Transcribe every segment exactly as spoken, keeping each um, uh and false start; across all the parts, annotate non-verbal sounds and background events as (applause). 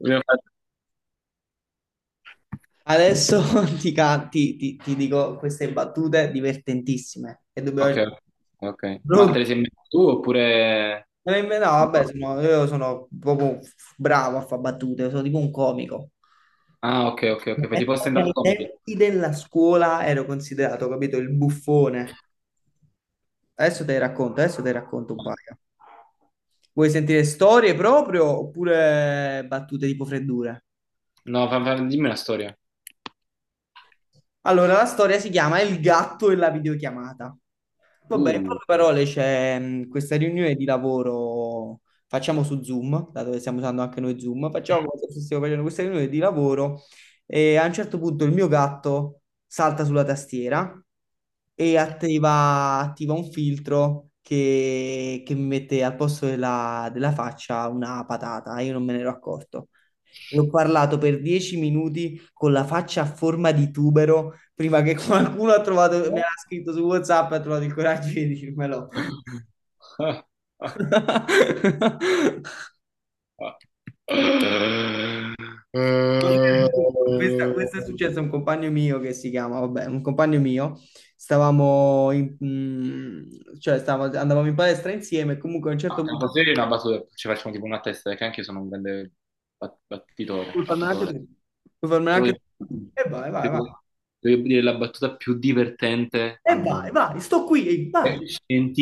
Io- Adesso (laughs) ti, ca- ti- ti- ti dico queste battute divertentissime e dobbiamo... Ok, ok. Ma Pronto? te le sei messo tu oppure... No, no, vabbè, sono- io sono proprio bravo a fare battute, sono tipo un comico. Ah, ok, ok, ok. Fai tipo Pensa che stand-up ai comedy. tempi della scuola ero considerato, capito, il buffone. Adesso te ne racconto, adesso te ne racconto un paio. Vuoi sentire storie proprio oppure battute tipo freddure? No, fa- fa- dimmi una storia. Allora, la storia si chiama Il gatto e la videochiamata. Vabbè, in Uh. poche parole c'è mh, questa riunione di lavoro, facciamo su Zoom, dato che stiamo usando anche noi Zoom, facciamo come (laughs) se stessimo facendo questa riunione di lavoro e a un certo punto il mio gatto salta sulla tastiera e attiva, attiva un filtro che, che mi mette al posto della, della faccia una patata, io non me ne ero accorto. E Ho parlato per dieci minuti con la faccia a forma di tubero prima che (laughs) qualcuno ha trovato, me l'ha scritto su WhatsApp e ha trovato il coraggio di dirmelo. Ah, ah, (laughs) ah. Eh, Questa- Questo è successo a un compagno mio che si chiama, vabbè, un compagno mio, stavamo in, mm, cioè stavamo- andavamo in palestra insieme, comunque a un certo ah, una punto, battuta, una battuta. Ci facciamo tipo una testa, eh, che anche io sono un grande bat- battitore, puoi farmela anche battutore. tu, puoi farmela Devo, anche tu, e vai, vai, vai, devo- Devo dire la battuta più divertente e al vai, mondo. vai, sto qui, e vai, Eh,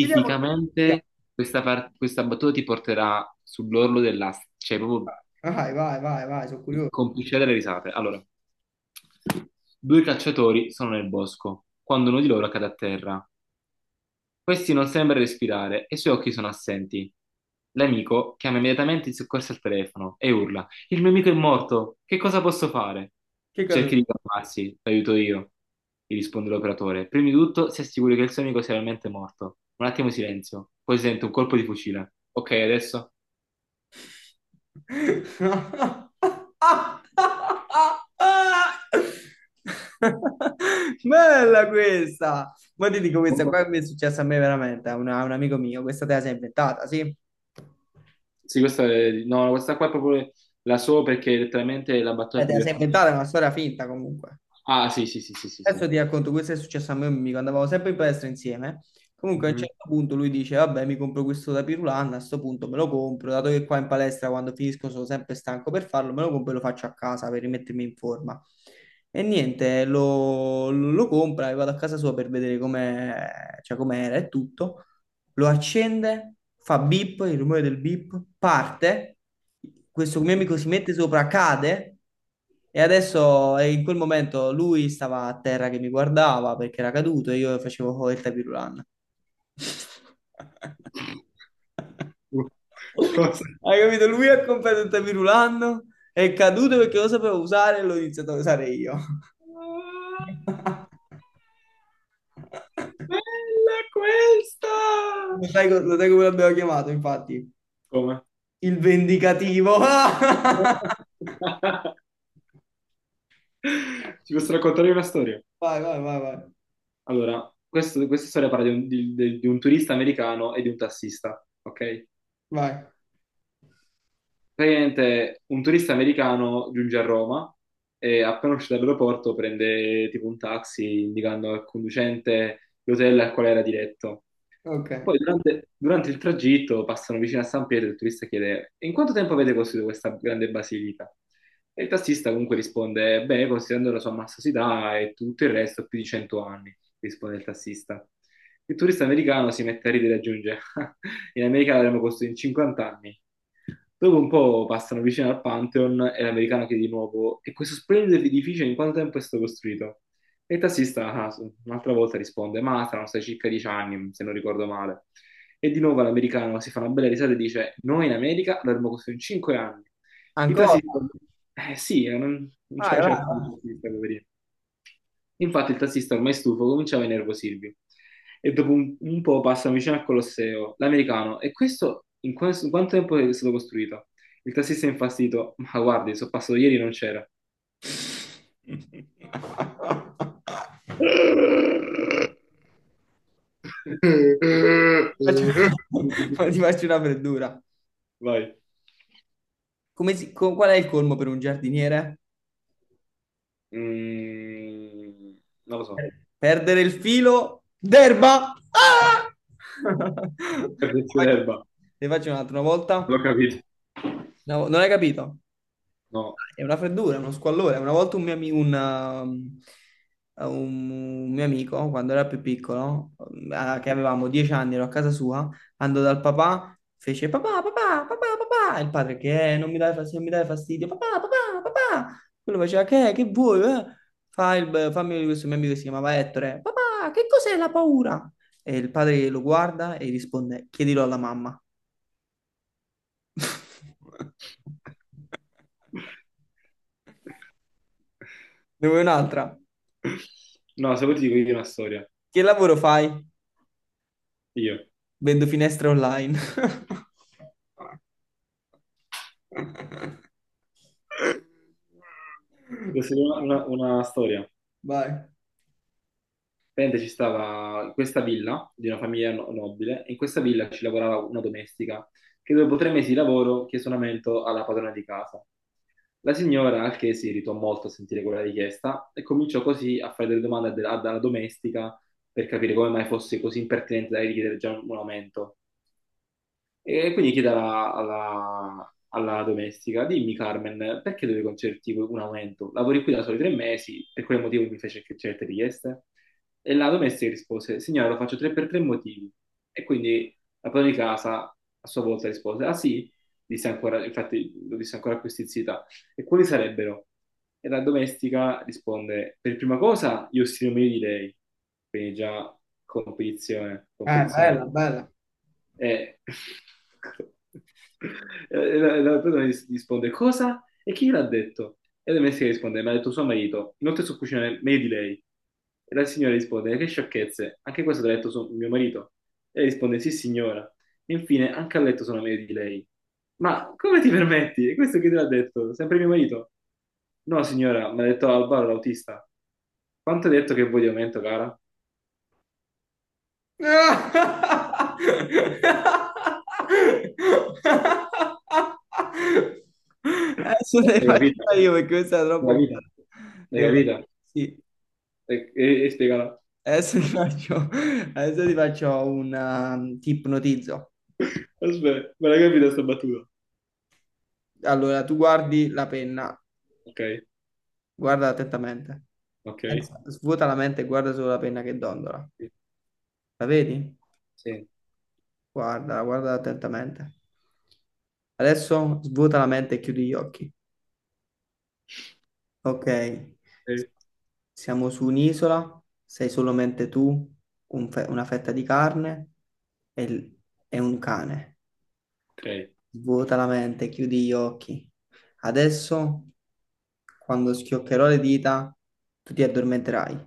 vediamo che, vediamo. questa, par- questa battuta ti porterà sull'orlo dell'asta, cioè proprio Vai, vai, vai, vai, sono curioso, complicità delle risate. Allora, due cacciatori sono nel bosco, quando uno di loro cade a terra. Questi non sembra respirare e i suoi occhi sono assenti. L'amico chiama immediatamente il soccorso al telefono e urla: "Il mio amico è morto, che cosa posso fare?" che cosa... "Cerchi di calmarsi, l'aiuto io", gli risponde l'operatore. "Prima di tutto, si assicuri che il suo amico sia realmente morto." Un attimo di silenzio, poi si sente un colpo di fucile. "Ok, adesso?" (laughs) Bella questa! Ma ti dico questa qua mi è successa a me veramente, a, una- a un amico mio, questa te la sei inventata, sì? Eh, Sì, questa, è- no, questa qua è proprio la so perché è letteralmente la battuta te più la sei divertente. inventata, è una storia finta comunque. Ah, sì, sì, sì, sì, sì, sì. Adesso ti racconto, questo è successo a me e a un mio amico, andavamo sempre in palestra insieme. Comunque a un Mhm. certo punto lui dice, vabbè, mi compro questo da Pirulan, a sto punto me lo compro, dato che qua in palestra quando finisco sono sempre stanco per farlo, me lo compro e lo faccio a casa per rimettermi in forma. E niente, lo, lo compra e vado a casa sua per vedere com'è, cioè com'era e tutto lo accende, fa beep, il rumore del beep, parte, questo mio amico si mette sopra, cade e adesso e in quel momento lui stava a terra che mi guardava perché era caduto e io facevo oh, il tapirulan. (laughs) (laughs) Cosa? Hai capito? Lui ha comprato il tapirulan, è caduto perché lo sapevo usare e l'ho iniziato a usare io. (laughs) Bella questa! Lo sai, co- lo sai come l'abbiamo chiamato, infatti? Come? Il vendicativo. (laughs) (laughs) Ti posso raccontare una storia? Vai, vai, vai, vai. Allora, questo- questa storia parla di un, di- di- di un turista americano e di un tassista, ok? Vai. Praticamente un turista americano giunge a Roma e appena uscito dall'aeroporto prende tipo un taxi indicando al conducente l'hotel al quale era diretto. Ok. Poi durante, durante il tragitto passano vicino a San Pietro e il turista chiede in quanto tempo avete costruito questa grande basilica? E il tassista comunque risponde, beh, considerando la sua massosità e tutto il resto, più di cento anni, risponde il tassista. Il turista americano si mette a ridere e aggiunge, (laughs) in America l'avremmo costruito in cinquanta anni. Dopo un po' passano vicino al Pantheon e l'americano chiede di nuovo, e questo splendido edificio in quanto tempo è stato costruito? E il tassista, ah, un'altra volta risponde, ma saranno stati circa dieci anni, se non ricordo male. E di nuovo l'americano si fa una bella risata e dice, noi in America l'avremmo costruito in cinque anni. Il Ancora? tassista, eh sì, eh, non, non ce la Vai, faceva vai, più vai. il tassista, poverino. Infatti il tassista ormai stufo cominciava a innervosirvi. E dopo un, un po' passano vicino al Colosseo. L'americano, e questo in, questo- in quanto tempo è stato costruito? Il tassista è infastidito, ma guardi, sono passato ieri e non c'era. (laughs) Faccio- (laughs) Ma ti faccio una freddura. Vai. Come si- co- qual è il colmo per un giardiniere? Mm, non lo so. Perdere il filo d'erba. Ah! (laughs) Ti Cardecchio faccio, d'erba. ti faccio un'altra volta. L'ho capito. No, non hai capito? No. È una freddura, uno squallore. Una volta un mio, ami- un, um, un un mio amico, quando era più piccolo, eh, che avevamo dieci anni, ero a casa sua, andò dal papà, fece papà, papà, papà, papà. E il padre che "Eh, non mi dai fastidio, non mi dai fastidio, papà, papà, papà. Quello faceva che, che vuoi? Eh?" Fa il, fammi questo mio amico che si chiamava Ettore. Papà, che cos'è la paura? E il padre lo guarda e risponde, chiedilo alla mamma. (laughs) Ne vuoi un'altra? No, se vuoi ti dico io una storia. Che lavoro fai? Io. Vendo finestre online. (laughs) Questa è una, una- una storia. Vai. Praticamente ci stava questa villa di una famiglia no- nobile, e in questa villa ci lavorava una domestica che dopo tre mesi di lavoro chiese un aumento alla padrona di casa. La signora, al che si irritò molto a sentire quella richiesta, e cominciò così a fare delle domande de- alla domestica per capire come mai fosse così impertinente da richiedere già un un aumento. E quindi chiede alla, alla- alla domestica, dimmi Carmen, perché devi concederti un aumento? Lavori qui da soli tre mesi, per quale motivo mi fece che- certe richieste? E la domestica rispose, signora, lo faccio tre per tre motivi. E quindi la padrona di casa a sua volta rispose, ah sì? Disse ancora, infatti lo disse ancora a questi zii e quali sarebbero? E la domestica risponde, per prima cosa, io stimo meglio di lei, quindi già competizione, Eh, competizione alta. bella, bella. E (laughs) e la, la persona ris- risponde, cosa? E chi l'ha detto? E la domestica risponde, mi ha detto suo marito, inoltre so cucinare meglio di lei. E la signora risponde, che sciocchezze, anche questo te l'ha detto suo- mio marito. E lei risponde, sì signora. E infine, anche a letto sono meglio di lei. Ma come ti permetti? E questo chi te l'ha detto? Sempre mio marito? No, signora, mi ha detto Alvaro, l'autista. Quanto hai detto che vuoi di aumento, cara? Eh, Adesso ne L'hai faccio capita? io perché questa è L'hai troppo capita? bella. L'hai Devo- capita? Sì, E, e, e spiegala. adesso ti faccio, adesso ti faccio un um, ti ipnotizzo. Aspetta, me l'hai capita sta battuta? Allora, tu guardi la penna. Ok, Guarda attentamente. ok. Pensa- Svuota la mente e guarda solo la penna che dondola. Sì. La vedi? Guarda, guarda attentamente. Adesso svuota la mente e chiudi gli occhi. Ok, Sì, siamo su un'isola, sei solamente tu, un fe- una fetta di carne e, l- e un cane. ok. Svuota la mente, chiudi gli occhi. Adesso, quando schioccherò le dita, tu ti addormenterai.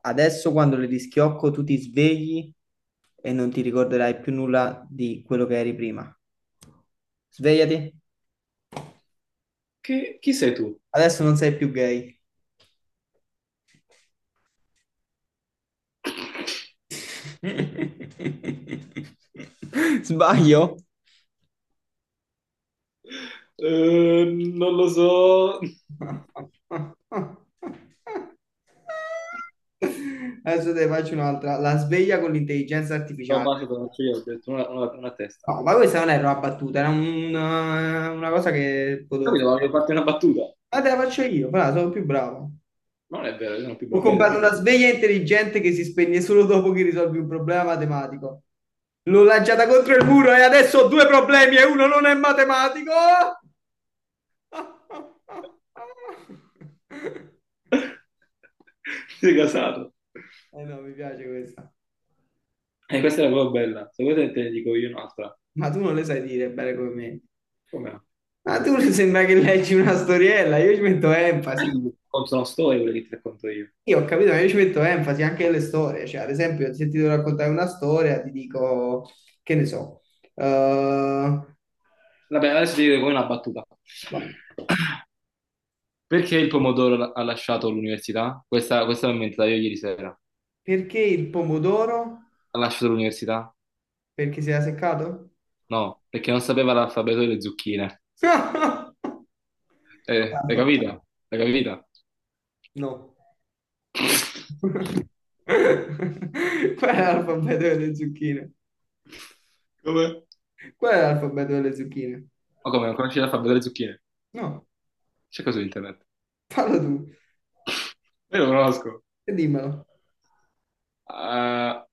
Adesso quando le rischiocco tu ti svegli e non ti ricorderai più nulla di quello che eri prima. Svegliati, Che, chi sei tu? adesso non sei più gay. (laughs) Sbaglio? Eh, non lo so. Adesso te ne faccio un'altra. La sveglia con l'intelligenza No, artificiale. basta, te lo faccio io, ho detto una, una, una testa. No, ma questa non era una battuta, era un- una cosa che potevo fare. Capito? Avevo fatto una battuta. Ma te la faccio io, però sono più bravo. Ma non è vero, io sono più Ho bravo prima del comprato primo. una sveglia intelligente che si spegne solo dopo che risolvi un problema matematico. L'ho lanciata contro il muro e adesso ho due problemi e uno non è matematico. (laughs) (laughs) Sei casato. Eh no, mi piace questa. E questa era proprio bella. Se vuoi te te ne dico io un'altra. Ma tu non le sai dire bene come me. Come no? Ma tu sembra che leggi una storiella, io ci metto enfasi. Racconto una storia, quella che ti racconto io. Io ho capito, ma io ci metto enfasi anche nelle storie. Cioè, ad esempio, se ti devo raccontare una storia, ti dico, che ne so, eh, Vabbè, adesso ti dico come una battuta. boh, Perché il pomodoro ha lasciato l'università? Questa, questa l'ho inventata io ieri sera. perché il pomodoro? Ha lasciato l'università? Perché si era seccato? No, perché non sapeva l'alfabeto delle zucchine. (laughs) Eh, l'hai capita? L'hai capita? No. (laughs) Qual è l'alfabeto delle zucchine? Come? Qual è l'alfabeto delle zucchine? Ma come, non conosci l'alfabeto delle zucchine? No, Cerca su internet. fallo tu Io lo conosco. e dimmelo. Ah,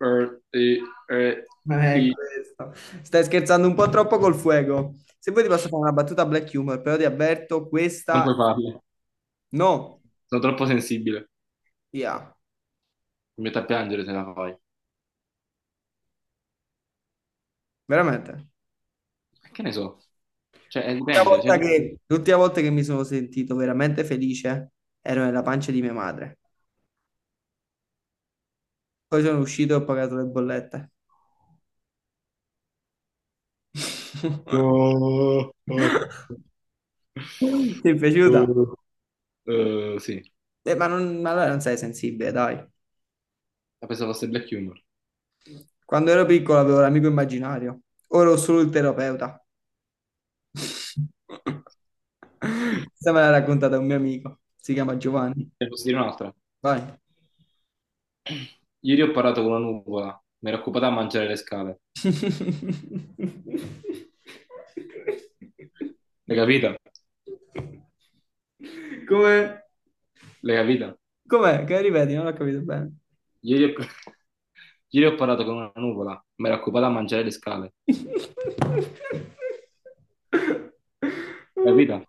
er, e- e- Ma è i- questo. Stai scherzando un po' troppo col fuoco. Se vuoi ti posso fare una battuta black humor, però ti avverto, Non questa puoi farlo. no, Sono troppo sensibile. via. Mi metto a piangere se la fai. Veramente. Che ne so? Cioè, eh, L'ultima dipende. Cioè, volta tu... che, l'ultima volta che mi sono sentito veramente felice ero nella pancia di mia madre. Poi sono uscito e ho pagato le bollette. Oh, oh, (laughs) Ti è piaciuta? oh. Eh, sì, Eh, ma, non, ma allora non sei sensibile, dai. la pensavo fosse black humor. Quando ero piccolo avevo l'amico immaginario, ora ho solo il terapeuta. (laughs) Questa me l'ha raccontata un mio amico, si chiama Giovanni. Ne posso dire un'altra? Vai. Ieri ho parlato con una nuvola, mi ero occupata a mangiare le scale. (laughs) L'hai capita? Come? L'hai capita? Com'è? Che ripeti? Non l'ho capito bene. Ieri ho... (laughs) Ieri ho parlato con una nuvola, mi ero occupata a mangiare le scale. L'hai capita?